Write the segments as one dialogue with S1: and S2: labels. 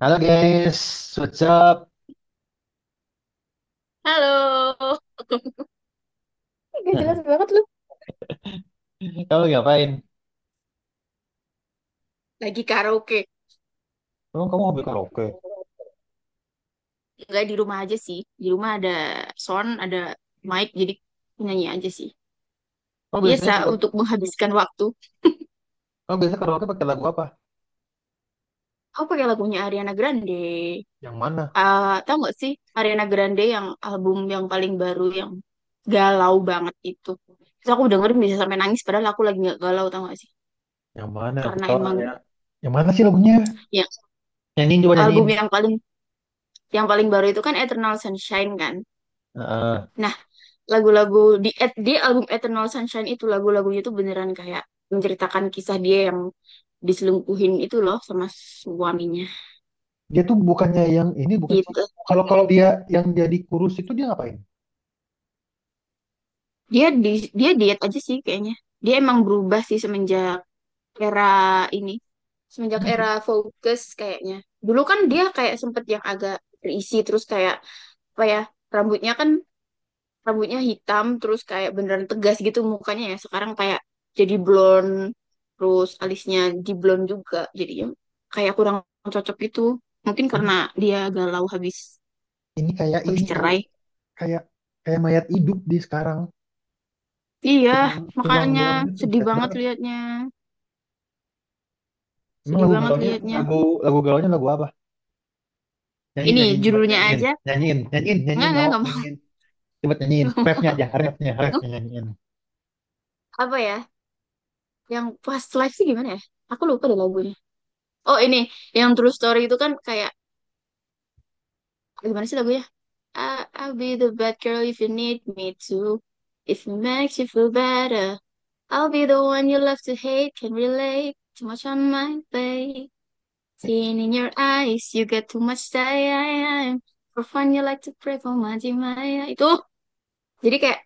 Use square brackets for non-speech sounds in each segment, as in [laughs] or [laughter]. S1: Halo guys, what's up?
S2: Halo, [laughs] Gak jelas
S1: [laughs]
S2: banget lu.
S1: Kamu ngapain?
S2: Lagi karaoke.
S1: Emang kamu hobi karaoke?
S2: Enggak di rumah aja sih. Di rumah ada sound, ada mic, jadi nyanyi aja sih.
S1: Kamu biasanya
S2: Biasa
S1: kalau
S2: untuk menghabiskan waktu.
S1: kamu biasanya karaoke pakai lagu apa?
S2: Aku pakai lagunya Ariana Grande.
S1: Yang mana?
S2: Ah, tahu nggak sih Ariana Grande yang album yang paling baru yang galau banget itu. Terus aku dengerin bisa sampai nangis padahal aku lagi nggak galau tau gak sih?
S1: Yang mana? Aku
S2: Karena
S1: tahu
S2: emang
S1: ada. Yang mana sih lagunya?
S2: ya
S1: Nyanyiin, coba
S2: album
S1: nyanyiin.
S2: yang paling baru itu kan Eternal Sunshine kan.
S1: Heeh.
S2: Lagu-lagu di album Eternal Sunshine itu lagu-lagunya tuh beneran kayak menceritakan kisah dia yang diselingkuhin itu loh sama suaminya
S1: Dia tuh bukannya yang ini, bukan sih?
S2: gitu.
S1: Kalau kalau dia yang jadi kurus itu dia ngapain?
S2: Dia di dia diet aja sih kayaknya. Dia emang berubah sih semenjak era ini, semenjak
S1: Itu dia-
S2: era Focus kayaknya. Dulu kan dia kayak sempet yang agak berisi terus kayak apa ya rambutnya kan rambutnya hitam terus kayak beneran tegas gitu mukanya, ya sekarang kayak jadi blonde terus alisnya di blonde juga jadinya kayak kurang cocok gitu, mungkin
S1: Ini
S2: karena dia galau habis
S1: ini kayak
S2: habis
S1: ini, tahu,
S2: cerai.
S1: kayak kayak mayat hidup di sekarang,
S2: Iya,
S1: tulang tulang
S2: makanya
S1: doang, itu
S2: sedih
S1: jelek
S2: banget
S1: banget.
S2: liatnya,
S1: Emang
S2: sedih
S1: lagu
S2: banget
S1: galaunya
S2: liatnya.
S1: lagu lagu galaunya lagu apa? Nyanyiin,
S2: Ini
S1: nyanyiin, coba
S2: judulnya
S1: nyanyiin.
S2: aja
S1: Nyanyiin, nyanyiin, nyanyiin,
S2: enggak
S1: nggak
S2: enggak
S1: mau
S2: enggak mau.
S1: nyanyiin. Coba
S2: [laughs]
S1: nyanyiin
S2: Nggak
S1: refnya aja, refnya,
S2: mau.
S1: refnya nyanyiin.
S2: Apa ya yang past life sih gimana ya, aku lupa deh lagunya. Oh ini, yang true story itu kan kayak gimana sih lagunya. I'll be the bad girl if you need me to. If it makes you feel better, I'll be the one you love to hate. Can relate too much on my plate. Seen in your eyes, you get too much time. For fun, you like to pray for my Maya. Itu jadi kayak,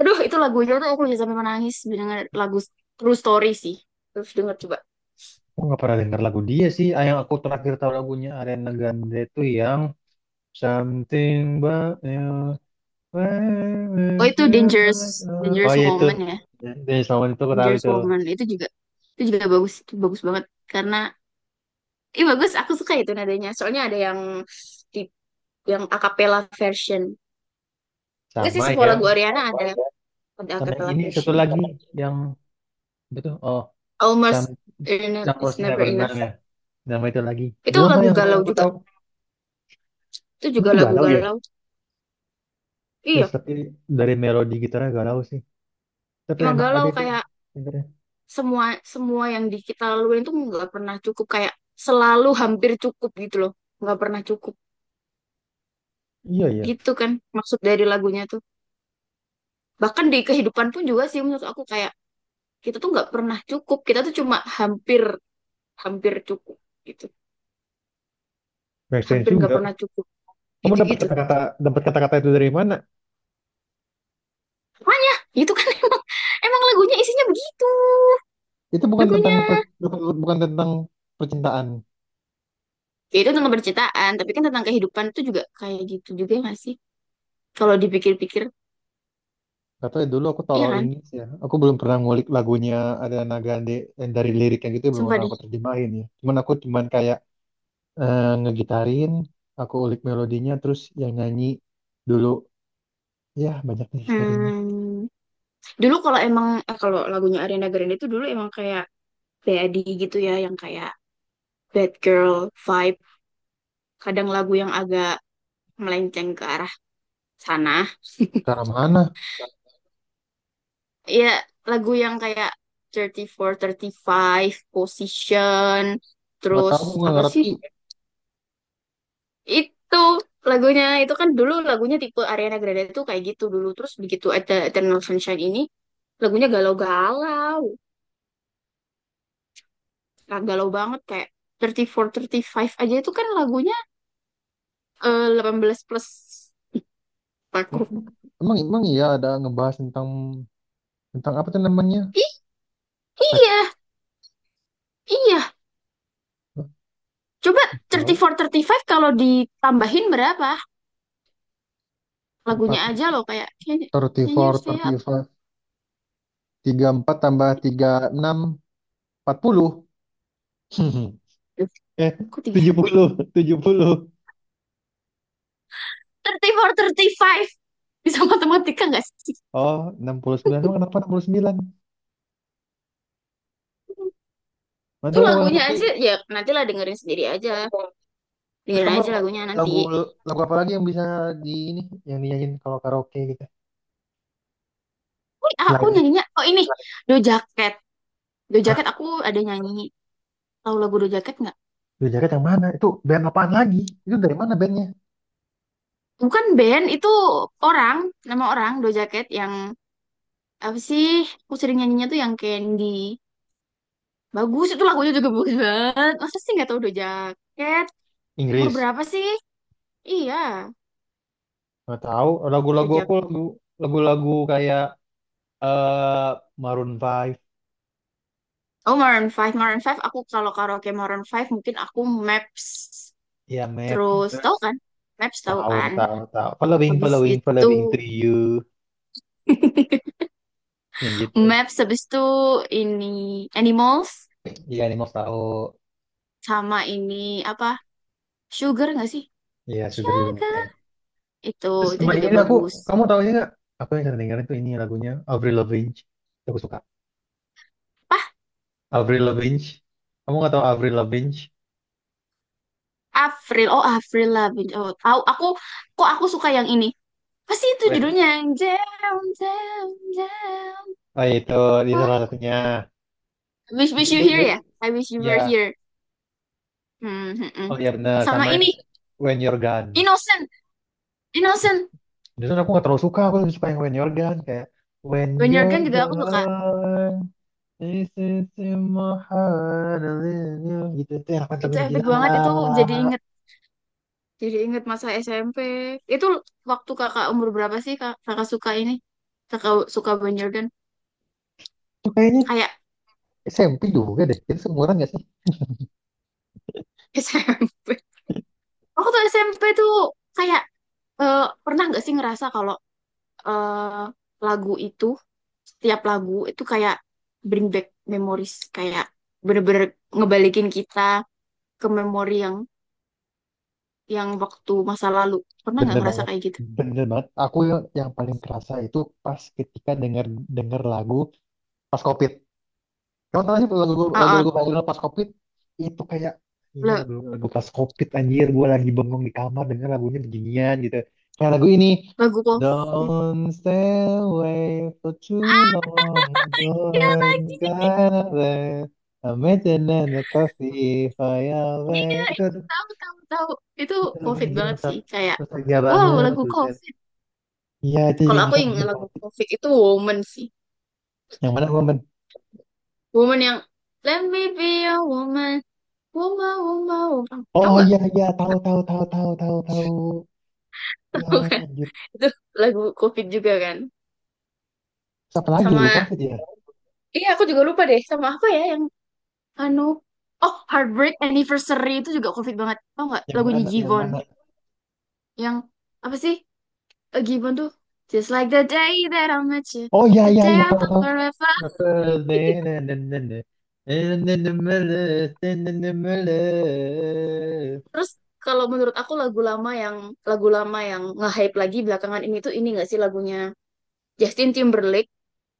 S2: aduh itu lagunya tuh aku bisa sampai menangis mendengar lagu True Story sih. Terus denger coba.
S1: Aku nggak pernah denger lagu dia sih. Ah, yang aku terakhir tahu lagunya Ariana Grande itu yang Something About You. When we
S2: Oh itu
S1: feel
S2: Dangerous,
S1: Oh
S2: Dangerous
S1: ya itu.
S2: Woman ya.
S1: Dari Salman itu aku tahu
S2: Dangerous
S1: itu.
S2: Woman itu juga bagus, itu bagus banget karena ih bagus, aku suka itu nadanya. Soalnya ada yang di yang a cappella version. Enggak sih
S1: Sama
S2: sebuah lagu
S1: yang
S2: Ariana ada a
S1: sama yang
S2: cappella
S1: ini satu
S2: version.
S1: lagi yang betul. Oh, sama
S2: Almost enough
S1: yang
S2: is
S1: Rose
S2: never
S1: Never Know
S2: enough.
S1: ya. Nama itu lagi. Itu
S2: Itu
S1: nama
S2: lagu
S1: yang
S2: galau
S1: aku
S2: juga.
S1: tahu.
S2: Itu juga
S1: Itu
S2: lagu
S1: galau ya.
S2: galau.
S1: Yes,
S2: Iya,
S1: tapi dari melodi gitarnya galau sih. Tapi
S2: emang
S1: enak
S2: galau
S1: aja itu
S2: kayak
S1: dengernya.
S2: semua semua yang di kita laluin itu nggak pernah cukup, kayak selalu hampir cukup gitu loh. Nggak pernah cukup
S1: Iya, iya.
S2: gitu kan maksud dari lagunya tuh. Bahkan di kehidupan pun juga sih menurut aku kayak kita tuh nggak pernah cukup. Kita tuh cuma hampir hampir cukup gitu,
S1: Make sense
S2: hampir nggak
S1: juga.
S2: pernah cukup
S1: Kamu dapat
S2: gitu-gitu.
S1: kata-kata dapat kata-kata itu dari mana?
S2: Itu kan emang [laughs] emang lagunya isinya begitu.
S1: Itu bukan tentang
S2: Lagunya
S1: bukan, bukan tentang percintaan.
S2: ya itu tentang percintaan, tapi kan tentang kehidupan itu juga kayak gitu juga nggak sih kalau dipikir-pikir.
S1: Kata dulu aku
S2: Iya
S1: tolol
S2: kan,
S1: Inggris ya. Aku belum pernah ngulik lagunya ada Nagande, eh, dari liriknya gitu belum
S2: sumpah
S1: pernah
S2: deh.
S1: aku terjemahin ya. Cuman aku kayak, eh, ngegitarin, aku ulik melodinya, terus yang nyanyi dulu ya, banyak nih historinya.
S2: Hmm. Dulu kalau emang kalau lagunya Ariana Grande itu dulu emang kayak Daddy gitu ya yang kayak bad girl vibe, kadang lagu yang agak melenceng ke arah sana,
S1: Karena mana?
S2: ya lagu yang kayak 34, 35, Position,
S1: Nggak
S2: terus
S1: tahu, aku nggak
S2: apa sih?
S1: ngerti.
S2: Itu lagunya itu kan dulu lagunya tipe Ariana Grande itu kayak gitu dulu, terus begitu ada Eternal Sunshine ini lagunya galau-galau. Nah, galau banget kayak 34, 35 aja itu kan lagunya 18+ aku.
S1: Aku, emang emang iya ada ngebahas tentang tentang apa tuh namanya?
S2: I- iya,
S1: Seks.
S2: iya.
S1: Nggak
S2: Coba
S1: tahu.
S2: 34, 35 kalau ditambahin berapa?
S1: Empat,
S2: Lagunya aja loh kayak can you stay
S1: 34,
S2: up?
S1: 35, 34 tambah tiga puluh enam empat puluh. [laughs]
S2: Duh,
S1: Eh,
S2: kok tiga
S1: tujuh puluh tujuh puluh.
S2: tiga puluh empat tiga puluh lima Bisa matematika nggak sih?
S1: Oh, 69. Emang kenapa 69?
S2: Itu
S1: Mantap, gua gak
S2: lagunya
S1: ngerti.
S2: aja, ya nantilah dengerin sendiri aja.
S1: Terus
S2: Dengerin
S1: kamu
S2: aja
S1: lagu,
S2: lagunya nanti.
S1: lagu lagu apa lagi yang bisa di ini, yang dinyanyiin kalau karaoke gitu?
S2: Wih, aku
S1: Selain,
S2: nyanyinya, oh ini, Do Jacket. Do
S1: hah,
S2: Jacket aku ada nyanyi. Tahu lagu Do Jacket nggak?
S1: Blue Jacket yang mana? Itu band apaan lagi? Itu dari mana bandnya?
S2: Bukan band, itu orang, nama orang Do Jacket yang, apa sih, aku sering nyanyinya tuh yang Candy. Bagus, itu lagunya juga bagus banget. Masa sih nggak tahu Do Jacket? Umur
S1: Inggris.
S2: berapa sih? Iya,
S1: Nggak tahu.
S2: Do Jacket.
S1: Lagu-lagu kayak, eh, Maroon Five,
S2: Oh, Maroon Five, Maroon Five. Aku kalau karaoke Maroon Five mungkin aku Maps.
S1: ya Map.
S2: Terus,
S1: Terus
S2: tahu kan? Maps tahu
S1: tahu,
S2: kan?
S1: tahu, tahu. Following,
S2: Habis
S1: following,
S2: itu
S1: following to you.
S2: [laughs]
S1: Yang gitu,
S2: Maps, habis itu ini Animals,
S1: iya Animals tahu,
S2: sama ini apa? Sugar nggak sih?
S1: iya Sugar juga
S2: Sugar.
S1: oke.
S2: Itu,
S1: Terus
S2: itu
S1: sama
S2: juga
S1: ini, aku,
S2: bagus.
S1: kamu tahu ini nggak, aku yang sering dengerin tuh ini lagunya Avril Lavigne, aku suka
S2: Pah,
S1: Avril Lavigne, kamu nggak tahu Avril Lavigne.
S2: Avril. Oh, Avril Lavigne. Oh, tahu aku, kok aku suka yang ini. Pasti itu
S1: When,
S2: judulnya yang Jam, Jam, Jam.
S1: oh itu di
S2: What?
S1: salah satunya,
S2: I Wish, wish
S1: you,
S2: you
S1: you,
S2: here ya?
S1: you-
S2: I wish you were
S1: ya.
S2: here. Hmm hmm,
S1: Oh
S2: hmm.
S1: iya, benar,
S2: Sama
S1: sama yang
S2: ini
S1: When You're Gone.
S2: Innocent,
S1: Yes.
S2: Innocent.
S1: Justru aku nggak terlalu suka, aku lebih suka yang When You're Gone, kayak When
S2: Banyer
S1: You're
S2: Gun juga aku suka.
S1: Gone, this is in my heart, I love you. Gitu tuh enak banget
S2: Itu
S1: lagunya,
S2: epic
S1: gila.
S2: banget. Itu jadi inget, jadi inget masa SMP. Itu waktu kakak umur berapa sih kak, kakak suka ini? Kakak suka Banyer Gun?
S1: Itu kayaknya
S2: Kayak
S1: SMP juga deh. Kita seumuran gak sih?
S2: [laughs] SMP. Waktu SMP tuh kayak pernah nggak sih ngerasa kalau eh, lagu itu, setiap lagu itu kayak bring back memories, kayak bener-bener ngebalikin kita ke memori yang waktu masa lalu. Pernah nggak
S1: Bener
S2: ngerasa
S1: banget,
S2: kayak gitu?
S1: bener banget. Aku yang, paling kerasa itu pas ketika denger denger lagu pas COVID. Kamu tahu sih lagu lagu
S2: Ah, ah,
S1: lagu lagu pas COVID itu kayak, ini
S2: le-
S1: lagu lagu pas COVID anjir. Gue lagi bengong di kamar denger lagunya beginian gitu. Kayak lagu ini.
S2: lagu COVID.
S1: Don't stay away for too long.
S2: Ya
S1: Don't
S2: lagi,
S1: go away. I'm making a coffee, fire away.
S2: iya,
S1: Itu
S2: itu tahu, tahu, tahu. Itu
S1: itu lagunya
S2: COVID
S1: gila,
S2: banget sih, kayak,
S1: nostalgia
S2: wow,
S1: banget
S2: lagu
S1: buset.
S2: COVID.
S1: Iya, itu juga
S2: Kalau aku
S1: bikin
S2: yang
S1: anjir
S2: lagu
S1: banget.
S2: COVID itu Woman sih.
S1: Yang mana gua men-.
S2: Woman yang, let me be a woman, woman, woman, woman. Tahu
S1: Oh
S2: nggak?
S1: iya, iya, tahu, tahu, tahu, tahu, tahu, tahu.
S2: [laughs]
S1: Iya,
S2: Tahu kan?
S1: anjir.
S2: Itu lagu COVID juga kan.
S1: Siapa lagi lagu
S2: Sama,
S1: Covid ya?
S2: iya aku juga lupa deh, sama apa ya yang, anu, oh, Heartbreak Anniversary itu juga COVID banget. Tahu nggak
S1: Yang
S2: lagunya
S1: mana, yang
S2: Jivon?
S1: mana?
S2: Yang apa sih? Eh, gimana tuh? Just like the day that I met you,
S1: Oh iya,
S2: the
S1: iya,
S2: day
S1: iya,
S2: I
S1: tahu,
S2: thought
S1: tahu.
S2: forever. Terus kalau menurut aku lagu lama yang nge-hype lagi belakangan ini tuh ini gak sih lagunya Justin Timberlake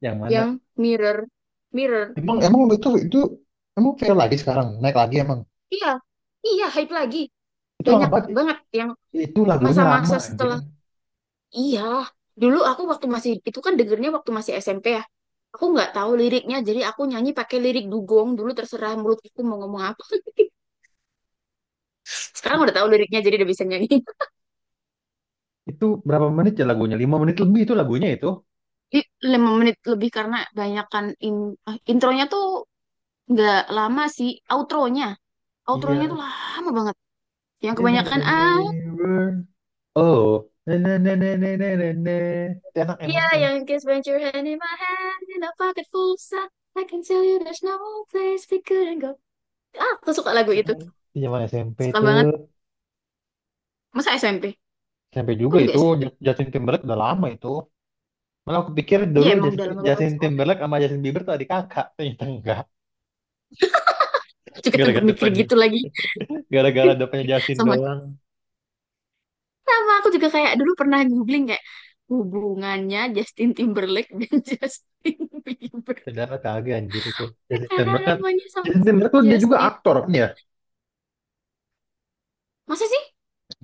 S1: Yang mana?
S2: yang Mirror, Mirror.
S1: Emang emang itu emang viral lagi sekarang, naik lagi emang.
S2: Iya, iya hype lagi.
S1: Itu lama
S2: Banyak
S1: banget.
S2: banget yang
S1: Itu lagunya lama
S2: masa-masa
S1: anjir.
S2: setelah. Iya, dulu aku waktu masih itu kan dengernya waktu masih SMP ya. Aku nggak tahu liriknya, jadi aku nyanyi pakai lirik dugong. Dulu terserah mulutku mau ngomong apa. Sekarang udah tahu liriknya, jadi udah bisa nyanyi.
S1: Itu berapa menit ya lagunya, lima menit lebih itu lagunya itu.
S2: 5 menit lebih karena banyakan intronya tuh nggak lama sih, outronya outronya tuh
S1: Iya.
S2: lama banget yang
S1: This is
S2: kebanyakan
S1: the
S2: ah.
S1: way we were. Oh. Na na na na na na na na. Enak,
S2: Iya,
S1: emang enak.
S2: yang kiss when your hand in my hand in a pocket full of sand. I can tell you there's no place we couldn't go. Ah, aku suka lagu itu.
S1: Di zaman SMP
S2: Suka
S1: tuh.
S2: banget masa SMP,
S1: SMP
S2: aku
S1: juga
S2: juga
S1: itu
S2: SMP.
S1: Justin Timberlake udah lama itu. Malah aku pikir
S2: Iya
S1: dulu
S2: emang
S1: Justin,
S2: dalam lama
S1: Justin
S2: banget
S1: Timberlake sama Justin Bieber tuh adik kakak. Ternyata enggak.
S2: juga tempat
S1: Gara-gara
S2: mikir
S1: depannya.
S2: gitu lagi.
S1: Gara-gara depannya Justin
S2: Sama,
S1: doang.
S2: sama aku juga kayak dulu pernah googling kayak hubungannya Justin Timberlake dan [laughs] Justin Bieber,
S1: Ternyata kagak anjir itu. Justin
S2: karena
S1: Timberlake kan.
S2: namanya
S1: Justin
S2: sama-sama
S1: Timberlake tuh dia juga
S2: Justin.
S1: aktor kan ya.
S2: Masa sih?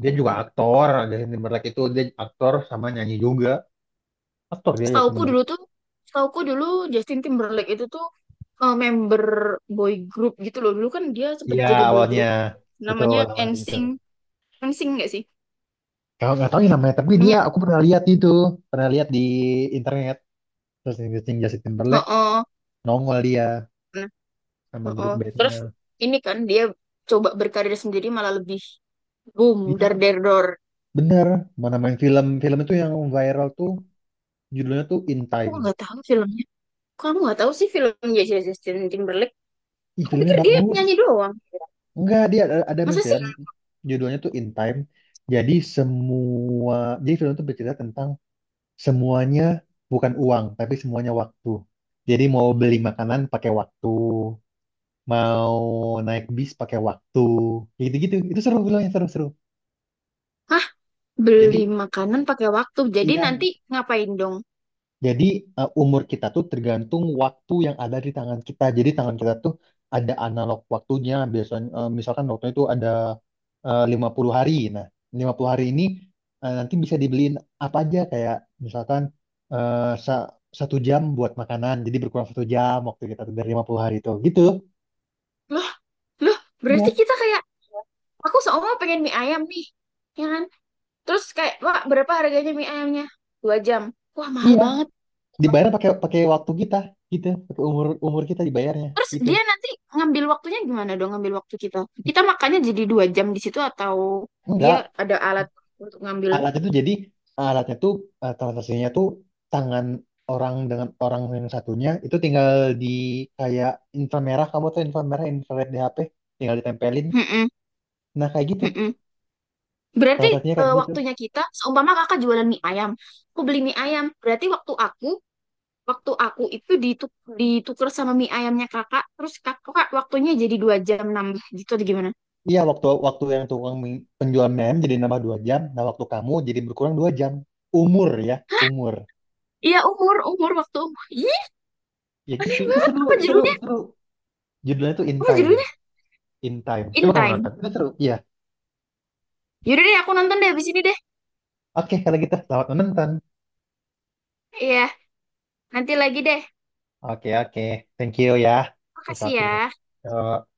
S1: Dia juga aktor. Justin Timberlake itu dia aktor sama nyanyi juga. Aktor dia Justin
S2: Setauku dulu
S1: Timberlake.
S2: tuh, setauku dulu Justin Timberlake itu tuh member boy group gitu loh. Dulu kan dia sempet
S1: Iya,
S2: jadi boy
S1: awalnya,
S2: group
S1: betul,
S2: namanya
S1: awalnya gitu.
S2: NSYNC. NSYNC nggak sih?
S1: Kalau nggak tahu ya namanya, tapi dia
S2: Namanya.
S1: aku pernah lihat itu, pernah lihat di internet, terus searching Justin Timberlake
S2: Heeh.
S1: nongol dia
S2: Nah,
S1: sama grup
S2: heeh.
S1: bandnya.
S2: Terus ini kan dia coba berkarir sendiri malah lebih boom dar
S1: Dia
S2: der dor.
S1: bener mana main film, film itu yang viral tuh judulnya tuh In
S2: Aku
S1: Time.
S2: nggak tahu filmnya. Kamu nggak tahu sih filmnya Justin Timberlake?
S1: Ih
S2: Aku
S1: filmnya
S2: pikir dia
S1: bagus.
S2: penyanyi doang.
S1: Enggak, dia ada,
S2: Masa
S1: main
S2: sih?
S1: film judulnya tuh In Time. Jadi semua jadi film itu bercerita tentang semuanya, bukan uang tapi semuanya waktu. Jadi mau beli makanan pakai waktu, mau naik bis pakai waktu, kayak gitu-gitu, itu seru filmnya, seru-seru.
S2: Hah? Beli
S1: Jadi,
S2: makanan pakai waktu. Jadi
S1: iya,
S2: nanti ngapain dong?
S1: jadi, umur kita tuh tergantung waktu yang ada di tangan kita, jadi tangan kita tuh ada analog waktunya biasanya, misalkan waktunya itu ada, 50 hari, nah 50 hari ini, nanti bisa dibeliin apa aja, kayak misalkan, eh, sa- satu jam buat makanan, jadi berkurang satu jam waktu kita tuh dari 50 hari itu gitu.
S2: Loh, loh, berarti
S1: Iya,
S2: kita kayak aku seumur pengen mie ayam nih. Ya kan? Terus kayak, "Wah, berapa harganya mie ayamnya?" 2 jam. Wah, mahal
S1: iya.
S2: banget.
S1: Dibayar pakai, pakai waktu kita gitu, pakai umur, umur kita dibayarnya
S2: Terus
S1: gitu.
S2: dia nanti ngambil waktunya gimana dong, ngambil waktu kita? Kita makannya jadi 2 jam di situ, atau dia
S1: Enggak,
S2: ada alat untuk ngambil?
S1: alatnya tuh jadi, alatnya tuh, transaksinya tuh tangan orang dengan orang yang satunya itu tinggal di kayak inframerah, kamu tuh inframerah, infrared di HP tinggal ditempelin,
S2: Mm-mm,
S1: nah kayak gitu
S2: mm-mm. Berarti
S1: transaksinya kayak gitu.
S2: waktunya kita, seumpama kakak jualan mie ayam, aku beli mie ayam. Berarti waktu aku itu ditukar sama mie ayamnya kakak, terus kakak waktunya jadi 2 jam nambah gitu atau gimana.
S1: Iya, waktu waktu yang tukang penjual jadi nambah dua jam, nah waktu kamu jadi berkurang dua jam, umur ya, umur.
S2: Iya umur umur waktu umur ih
S1: Ya gitu,
S2: aneh
S1: itu
S2: banget,
S1: seru,
S2: apa
S1: itu seru,
S2: judulnya
S1: seru. Judulnya tuh In
S2: apa
S1: Time.
S2: judulnya
S1: In Time, coba
S2: in
S1: kamu
S2: time.
S1: nonton, itu seru, iya.
S2: Yaudah deh, aku nonton deh abis ini deh.
S1: Oke, kalau gitu selamat menonton.
S2: Iya nanti lagi deh,
S1: Oke, oke. Thank you ya atas
S2: makasih ya.
S1: waktunya. Yo.